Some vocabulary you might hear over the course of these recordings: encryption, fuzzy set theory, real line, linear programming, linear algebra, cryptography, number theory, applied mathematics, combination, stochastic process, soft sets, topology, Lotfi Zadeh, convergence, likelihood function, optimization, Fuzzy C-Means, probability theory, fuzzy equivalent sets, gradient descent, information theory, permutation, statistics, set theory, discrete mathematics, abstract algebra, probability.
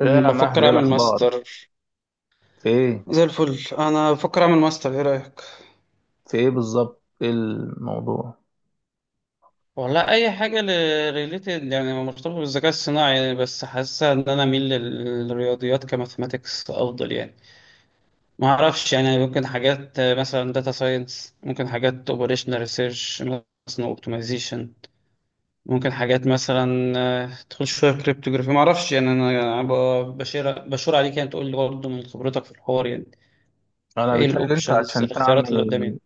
ايه يا مهدي؟ بفكر ايه اعمل الاخبار؟ ماستر. في ايه؟ زي الفل، انا بفكر اعمل ماستر، ايه رايك؟ في ايه بالظبط؟ ايه الموضوع؟ والله اي حاجه ريليتد، يعني مرتبطه بالذكاء الصناعي يعني، بس حاسه ان انا اميل للرياضيات كماثماتكس افضل يعني. ما اعرفش يعني، ممكن حاجات مثلا داتا ساينس، ممكن حاجات اوبريشنال ريسيرش، مثلا اوبتمايزيشن. ممكن حاجات مثلا تدخل شويه كريبتوغرافي. ما اعرفش يعني. انا أنا ب- بشير بشور عليك، يعني تقول لي برضه من خبرتك في الحوار يعني. انا ايه بيتهيألي انت الاوبشنز، عشان الاختيارات اللي تعمل قدامي.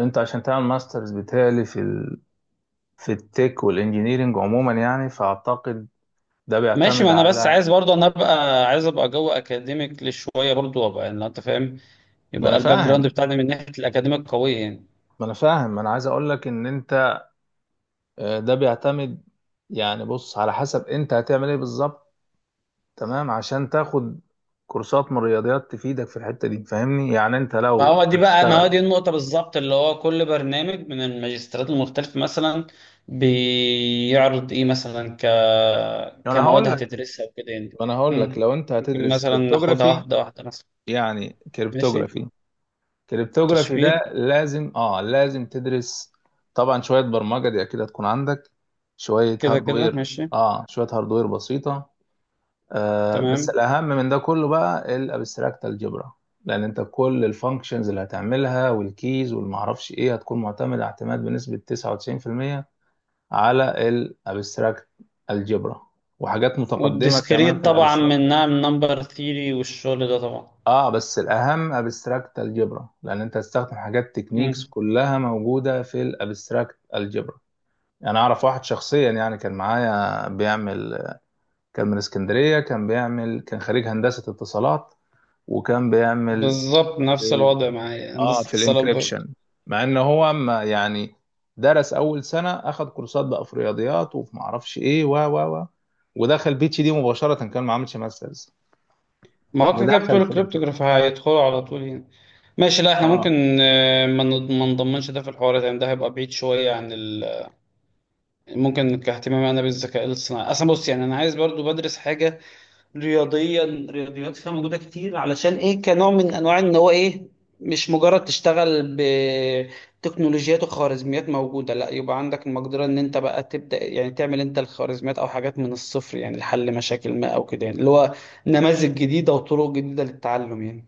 انت عشان تعمل ماسترز بيتهيألي في التك والانجينيرينج عموما، يعني فاعتقد ده ماشي، بيعتمد ما انا بس عايز على... برضه، انا ابقى عايز ابقى جو اكاديميك لشويه برضه، وابقى يعني انت فاهم، ما يبقى انا الباك جراوند فاهم بتاعنا من ناحيه الاكاديميك قويه يعني. ما انا فاهم، ما انا عايز اقول لك ان انت، ده بيعتمد. يعني بص، على حسب انت هتعمل ايه بالظبط، تمام؟ عشان تاخد كورسات من الرياضيات تفيدك في الحتة دي، فاهمني؟ يعني انت ما لو هو دي بقى ما هو هتشتغل... دي النقطه بالظبط، اللي هو كل برنامج من الماجستيرات المختلفه مثلا بيعرض ايه، مثلا ك انا كمواد هقول لك هتدرسها وكده يعني. انا هقول لك، مم. لو انت ممكن هتدرس مثلا ناخدها كريبتوغرافي، واحده واحده مثلا. يعني ماشي. كريبتوغرافي ده تشفير. لازم، لازم تدرس طبعا شوية برمجة، دي اكيد هتكون عندك. شوية كده كده هاردوير، ماشي. شوية هاردوير بسيطة. بس تمام. الاهم من ده كله بقى الابستراكت الجبرا، لان انت كل الفانكشنز اللي هتعملها والكيز والمعرفش ايه هتكون معتمدة اعتماد بنسبة 99% على الابستراكت الجبرا، وحاجات متقدمة كمان والديسكريت في طبعا، الابستراكت. منها من نمبر ثيري والشغل ده طبعا. اه، بس الاهم ابستراكت الجبرا، لان انت هتستخدم حاجات تكنيكس مم. كلها موجوده في الابستراكت الجبرا. يعني اعرف واحد شخصيا، يعني كان معايا بيعمل، كان من اسكندريه، كان بيعمل، كان خريج هندسه اتصالات، وكان بيعمل بالظبط في نفس ال... الوضع معايا، اه هندسة في اتصالات برضه. الانكريبشن، مع ان هو ما يعني درس اول سنه، اخد كورسات بقى في رياضيات وفي معرفش ايه، و و و ودخل بي اتش دي مباشره، كان ما عملش ماسترز، ما هو كده كده ودخل بتوع في الانكريبشن. الكريبتوغراف هيدخلوا على طول هنا. ماشي. لا احنا اه ممكن، ما نضمنش ده في الحوارات يعني، ده هيبقى بعيد شوية عن ال... ممكن كاهتمامي انا بالذكاء الاصطناعي اصلا. بص يعني انا عايز برضو بدرس حاجة رياضيات فيها موجوده كتير، علشان ايه، كنوع من انواع ان هو ايه، مش مجرد تشتغل بتكنولوجيات وخوارزميات موجوده، لا، يبقى عندك المقدره ان انت بقى تبدا يعني تعمل انت الخوارزميات او حاجات من الصفر يعني، لحل مشاكل ما او كده يعني، اللي هو نماذج جديده وطرق جديده للتعلم يعني.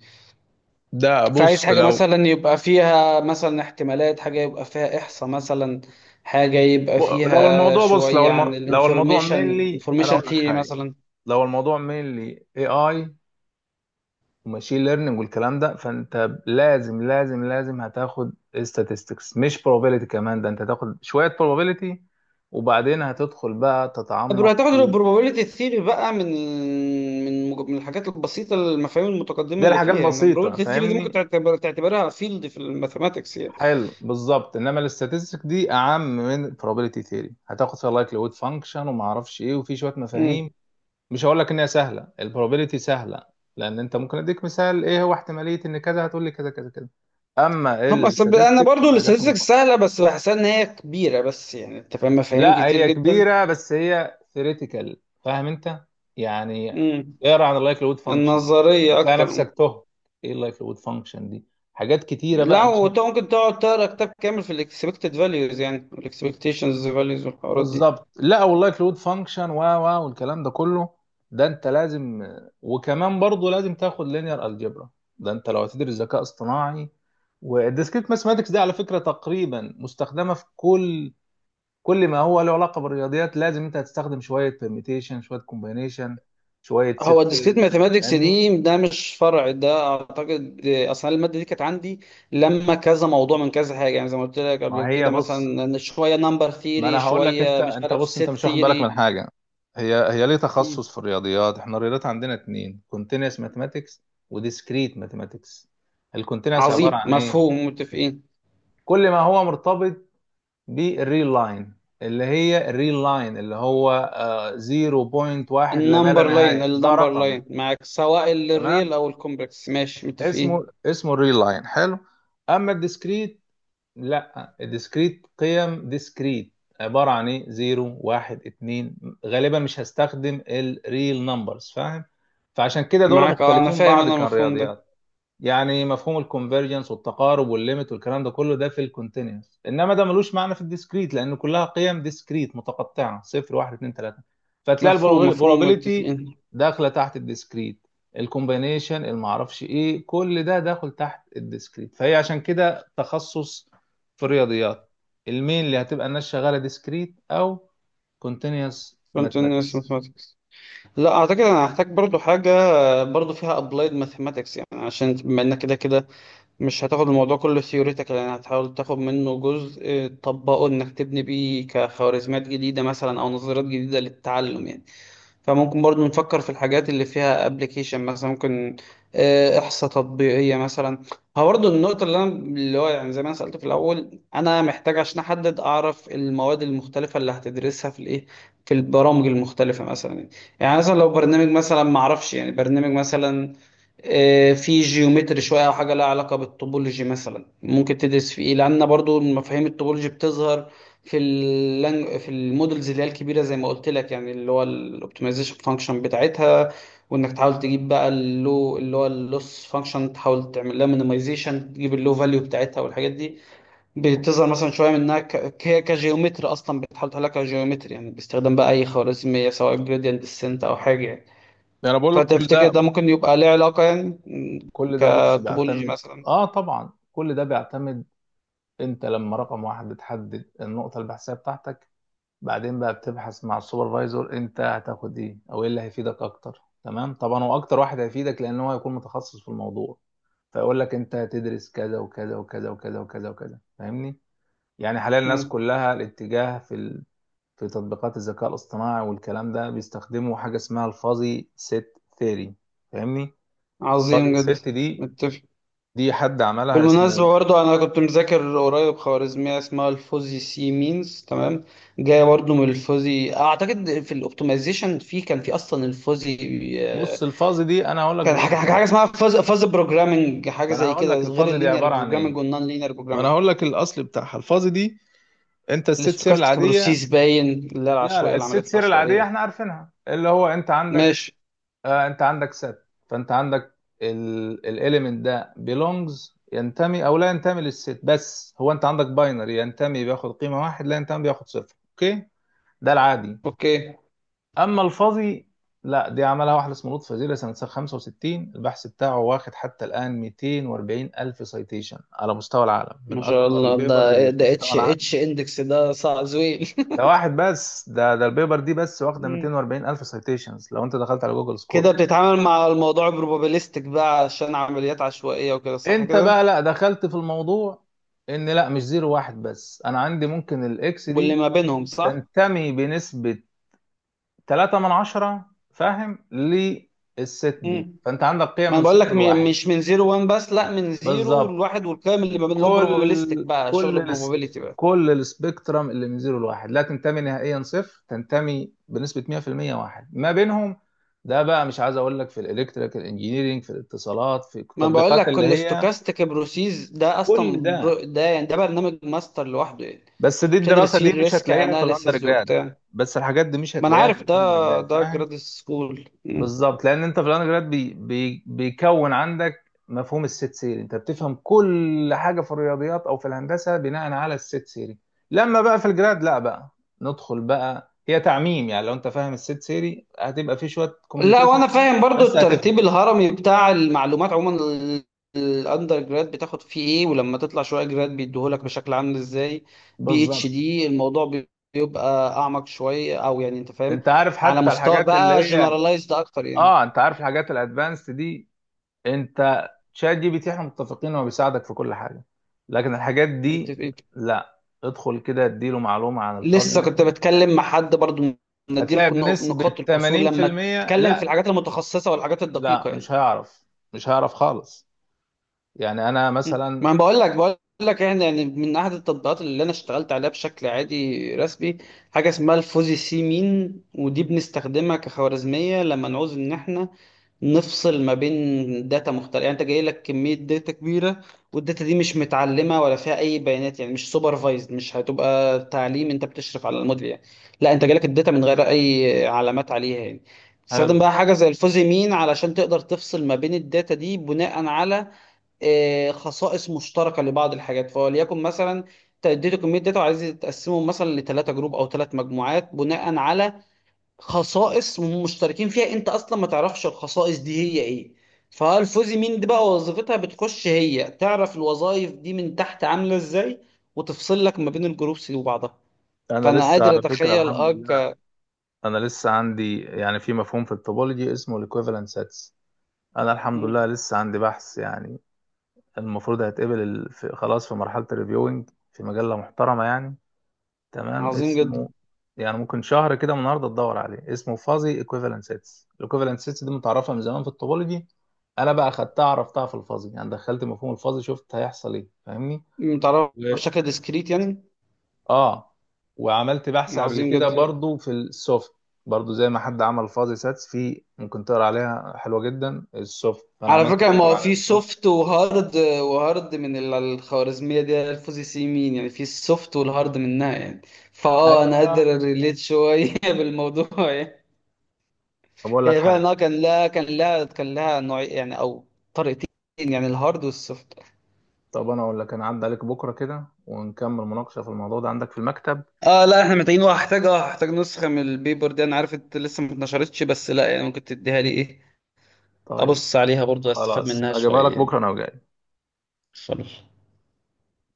ده فعايز بص حاجه لو مثلا يبقى فيها مثلا احتمالات، حاجه يبقى فيها احصاء مثلا، حاجه يبقى ب- لو فيها الموضوع بص لو شويه عن الم... لو الموضوع الانفورميشن، مينلي، انا انفورميشن اقول لك ثيوري حاجه. مثلا. لو الموضوع مينلي اي وماشين ليرنينج والكلام ده، فانت لازم لازم لازم هتاخد statistics، مش probability. كمان ده انت هتاخد شويه probability، وبعدين هتدخل بقى طب لو تتعمق هتاخد في... البروبابيلتي ثيري بقى، من الحاجات البسيطه، المفاهيم المتقدمه دي اللي الحاجات فيها يعني، بسيطه، البروبابيلتي ثيري دي ممكن فاهمني؟ تعتبرها فيلد في الماثماتكس يعني. حلو بالظبط. انما الاستاتستيك دي اعم من probability theory، هتاخد فيها likelihood function وما اعرفش ايه، وفي شويه مم. مفاهيم. مش هقول لك ان هي سهله، البروبابيلتي سهله، لان انت ممكن اديك مثال ايه هو احتماليه ان كذا، هتقول لي كذا كذا كذا. اما هم، أصل انا الستاتستكس برضو والحاجات الاستاتستكس المتقنه، سهله، بس بحسها ان هي كبيره بس، يعني انت فاهم، مفاهيم لا كتير هي جدا. كبيره، بس هي ثيوريتيكال، فاهم انت يعني؟ مم. اقرا عن اللايكليود فانكشن، النظريه هتلاقي اكتر. مم. نفسك تهت. ايه اللايكليود فانكشن دي؟ حاجات كتيره بقى، لا، مش وانت ممكن تقعد تقرا كتاب كامل في الاكسبكتد فاليوز يعني، والاكسبكتيشنز فاليوز والحوارات دي. بالظبط. لا والله، كلود فانكشن و و والكلام ده كله، ده انت لازم. وكمان برضه لازم تاخد لينير الجبرا، ده انت لو هتدرس ذكاء اصطناعي. والديسكريت ماثماتكس دي على فكره تقريبا مستخدمه في كل... كل ما هو له علاقه بالرياضيات. لازم انت هتستخدم شويه بيرميتيشن، شويه كومبينيشن، شويه هو ست الديسكريت ثيوري، ماثيماتكس فاهمني؟ دي، ده مش فرع، ده اعتقد اصلا الماده دي كانت عندي لما كذا موضوع من كذا حاجه يعني، زي ما قلت لك قبل ما هي كده، بص، مثلا إن شويه نمبر ما انا ثيري، هقول لك. انت شويه مش انت عارف بص، انت سيت مش واخد بالك ثيري. من حاجه. هي هي ليه تخصص في الرياضيات؟ احنا الرياضيات عندنا اتنين: كونتينوس ماثماتكس، وديسكريت ماثماتكس. الكونتينوس عباره عظيم، عن ايه؟ مفهوم، متفقين. كل ما هو مرتبط بالريل لاين، اللي هي الريل لاين، اللي هو 0.1 لما لا النمبر لاين، نهايه، ده النمبر رقم، لاين معاك، سواء الريل تمام؟ او الكومبلكس، ماشي، متفقين. اسمه الريل لاين، حلو. اما الديسكريت، لا، ديسكريت قيم ديسكريت، عبارة عن ايه؟ زيرو، واحد، اتنين، غالبا مش هستخدم الريل نمبرز، فاهم؟ فعشان كده دول معاك، اه انا مختلفين فاهم بعض. انا كان المفهوم ده. يعني مفهوم الكونفرجنس والتقارب والليمت والكلام ده كله، ده في الكونتينوس، انما ده ملوش معنى في الديسكريت، لان كلها قيم ديسكريت متقطعه: صفر، واحد، اتنين، تلاته. فتلاقي مفهوم مفهوم، البروبابيليتي متفقين. داخله تحت الديسكريت، الكومبينيشن، المعرفش ايه، كل ده داخل تحت الديسكريت. فهي عشان كده تخصص في الرياضيات المين، اللي هتبقى الناس شغاله ديسكريت او كونتينوس كنت، ماثماتكس. لا اعتقد انا هحتاج برضو حاجه برضو فيها ابلايد ماثيماتكس يعني، عشان بما انك كده كده مش هتاخد الموضوع كله ثيوريتيكال يعني، هتحاول تاخد منه جزء تطبقه، انك تبني بيه كخوارزميات جديده مثلا او نظريات جديده للتعلم يعني. فممكن برضو نفكر في الحاجات اللي فيها ابلكيشن مثلا. ممكن احصاء تطبيقيه مثلا. هو برضو النقطه اللي انا اللي هو يعني، زي ما انا سالت في الاول، انا محتاج عشان احدد اعرف المواد المختلفه اللي هتدرسها في الايه، في البرامج المختلفه مثلا. يعني مثلا لو برنامج مثلا، ما اعرفش يعني، برنامج مثلا في جيومتري شويه، او حاجه لها علاقه بالطوبولوجي مثلا، ممكن تدرس في ايه، لان برضو مفاهيم الطوبولوجي بتظهر في المودلز اللي هي الكبيره، زي ما قلت لك يعني، اللي هو الاوبتمايزيشن فانكشن بتاعتها، وانك تحاول تجيب بقى اللو، اللي هو اللوس فانكشن، تحاول تعمل لها مينيمايزيشن، تجيب اللو فاليو بتاعتها، والحاجات دي بتظهر مثلا شويه منها كجيومتري، اصلا بتحاول تحلها كجيومتري يعني، باستخدام بقى اي خوارزميه، سواء جريدينت ديسنت او حاجه يعني. انا بقول لك، كل فتفتكر ده... ده ممكن يبقى ليه علاقة يعني، كل ده بص كتوبولوجي بيعتمد. مثلا. اه طبعا، كل ده بيعتمد. انت لما رقم واحد بتحدد النقطة البحثية بتاعتك، بعدين بقى بتبحث مع السوبرفايزر انت هتاخد ايه، او ايه اللي هيفيدك اكتر، تمام؟ طبعا هو اكتر واحد هيفيدك، لان هو هيكون متخصص في الموضوع. فيقول لك انت هتدرس كذا وكذا وكذا وكذا وكذا وكذا، فاهمني؟ يعني حاليا الناس مم، كلها الاتجاه في ال... في تطبيقات الذكاء الاصطناعي والكلام ده، بيستخدموا حاجة اسمها الفuzzy set theory، فاهمني؟ عظيم الفuzzy جدا. set دي، متفق. دي حد عملها، بالمناسبة اسمه... برضه، أنا كنت مذاكر قريب خوارزمية اسمها الفوزي سي مينز، تمام، جاية برضه من الفوزي أعتقد، في الأوبتمايزيشن، في كان في أصلا الفوزي آه، بص، الفازي دي انا هقول لك كان حاجة حاجة باختصار. حاجة اسمها فاز بروجرامنج، حاجة ما انا زي هقول كده لك غير الفازي دي اللينير عباره عن ايه. بروجرامنج والنون لينير ما انا بروجرامنج. هقول لك الاصل بتاعها. الفازي دي، انت الست سير الاستوكاستيك العاديه... بروسيس باين، اللي هي لا لا، العشوائية، الست العمليات سير العاديه العشوائية. احنا عارفينها، اللي هو انت عندك... ماشي. آه انت عندك ست، فانت عندك الاليمنت ده belongs، ينتمي او لا ينتمي للست. بس هو انت عندك باينري: ينتمي بياخد قيمه واحد، لا ينتمي بياخد صفر، اوكي؟ ده العادي. أوكي. اما الفاضي، لا، دي عملها واحد اسمه لطفي وزير، سنه 65 البحث بتاعه واخد حتى الان 240 الف سايتيشن على مستوى العالم، من ما شاء اكبر الله، البيبرز اللي ده في ده مستوى اتش العالم. اتش اندكس، ده صعب زويل. ده واحد بس، ده البيبر دي بس واخده مم. 240 الف سايتيشنز، لو انت دخلت على جوجل كده سكولر. بتتعامل مع الموضوع بروبابيليستيك بقى، عشان عمليات عشوائية وكده، صح انت كده؟ بقى لا، دخلت في الموضوع ان لا، مش زيرو واحد بس، انا عندي ممكن الاكس واللي دي ما بينهم صح. تنتمي بنسبه 3 من عشرة، فاهم؟ للست دي، مم. فانت عندك قيم ما انا من بقول لك، صفر م- لواحد. مش من زيرو وان بس، لا، من زيرو بالظبط، لواحد، والكلام اللي ما بين، اللي هو بروبابيليستيك كل بقى، كل شغل الس... بروبابيليتي بقى. كل السبيكترم اللي من زيرو لواحد: لا تنتمي نهائيا صفر، تنتمي بنسبة 100% واحد، ما بينهم ده بقى مش عايز اقول لك. في الالكتريكال انجينيرينج، في الاتصالات، في ما أنا بقول التطبيقات لك اللي كل هي ستوكاستيك بروسيس ده كل اصلا ده. ده يعني، ده برنامج ماستر لوحده يعني. بس دي بتدرس الدراسة فيه دي مش الريسك هتلاقيها في الاندر اناليسيز جراد، وبتاع. بس الحاجات دي مش ما انا هتلاقيها في عارف ده، الاندر جراد، ده فاهم؟ جراد سكول. بالظبط. لان انت في الاندرجراد بي بي بيكون عندك مفهوم الست سيري، انت بتفهم كل حاجه في الرياضيات او في الهندسه بناء على الست سيري. لما بقى في الجراد، لا بقى ندخل بقى، هي تعميم، يعني لو انت فاهم الست سيري هتبقى في شويه لا، كومبليكيشن وانا شويه، فاهم برضو بس هتفهم. الترتيب الهرمي بتاع المعلومات عموما، ال- الاندر جراد بتاخد فيه ايه، ولما تطلع شويه جراد بيديهولك بشكل عامل ازاي، بي اتش بالظبط. دي الموضوع بيبقى اعمق شويه، او يعني انت فاهم، انت عارف على حتى مستوى الحاجات اللي بقى هي، جنرالايزد اكتر يعني. اه انت عارف الحاجات الادفانسد دي. انت شات جي بي تي احنا متفقين هو بيساعدك في كل حاجه، لكن الحاجات دي متفقين. لا. ادخل كده اديله معلومه عن الفازي لسه كنت مثلا، بتكلم مع حد برضو، هتلاقي نديلكم نقط- بنسبة نقاط الكسور لما 80%... تتكلم في لا، الحاجات المتخصصه والحاجات الدقيقه لا يعني. مش هيعرف، مش هيعرف خالص. يعني انا مم. ما مثلا، انا بقول لك احنا يعني، من احد التطبيقات اللي انا اشتغلت عليها بشكل عادي رسمي، حاجه اسمها الفوزي سي مين، ودي بنستخدمها كخوارزميه لما نعوز ان احنا نفصل ما بين داتا مختلفه يعني. انت جاي لك كميه داتا كبيره، والداتا دي مش متعلمه ولا فيها اي بيانات يعني، مش سوبرفايزد، مش هتبقى تعليم انت بتشرف على الموديل يعني، لا، انت جالك الداتا من غير اي علامات عليها يعني. تستخدم حلو، بقى حاجه زي الفوزي مين، علشان تقدر تفصل ما بين الداتا دي بناء على خصائص مشتركه لبعض الحاجات. فوليكن مثلا تديتوا كميه داتا، وعايزين تقسمهم مثلا لثلاثه جروب او ثلاث مجموعات، بناء على خصائص مشتركين فيها انت اصلا ما تعرفش الخصائص دي هي ايه. فالفوزي مين دي بقى، وظيفتها بتخش هي، تعرف الوظائف دي من تحت عامله ازاي، وتفصل لك ما بين الجروبس دي وبعضها. انا فانا لسه قادر على فكرة اتخيل الحمد لله، انا لسه عندي يعني، في مفهوم في التوبولوجي اسمه الايكويفالنت سيتس. انا الحمد لله مم. لسه عندي بحث، يعني المفروض هيتقبل، خلاص في مرحلة الريفيوينج، في مجلة محترمة يعني. تمام، عظيم جدا. اسمه... يعني ممكن شهر كده من النهارده تدور عليه، اسمه فازي ايكويفالنت سيتس. الايكويفالنت سيتس دي متعرفه من زمان في الطوبولوجي، انا بقى خدتها، عرفتها في الفازي، يعني دخلت مفهوم الفازي، شفت هيحصل ايه، فاهمني؟ متعرف و- بشكل ديسكريت يعني. اه وعملت بحث قبل عظيم كده جدا. برضو في السوفت. برضو زي ما حد عمل فازي ساتس، في ممكن تقرا عليها حلوه جدا، السوفت. فانا على عملت فكرة ما دايما هو على في السوفت. سوفت وهارد، وهارد من ال- الخوارزمية دي الفوزي سي مين، يعني في السوفت والهارد منها يعني. فاه، انا ايوه. قادر ريليت شوية بالموضوع يعني. طب اقول لك هي حاجه، فعلا اه كان لها نوع يعني، او طريقتين يعني، الهارد والسوفت. طب انا اقول لك، انا عدى عليك بكره كده ونكمل مناقشه في الموضوع ده عندك في المكتب. اه لا، احنا محتاجين، وهحتاج اه هحتاج نسخة من البيبر دي. انا عارف انت لسه ما اتنشرتش، بس لا يعني، ممكن تديها لي، ايه، طيب ابص عليها برضو، استفاد خلاص، منها اجيبها شوية لك بكره يعني. انا وجاي. خلاص.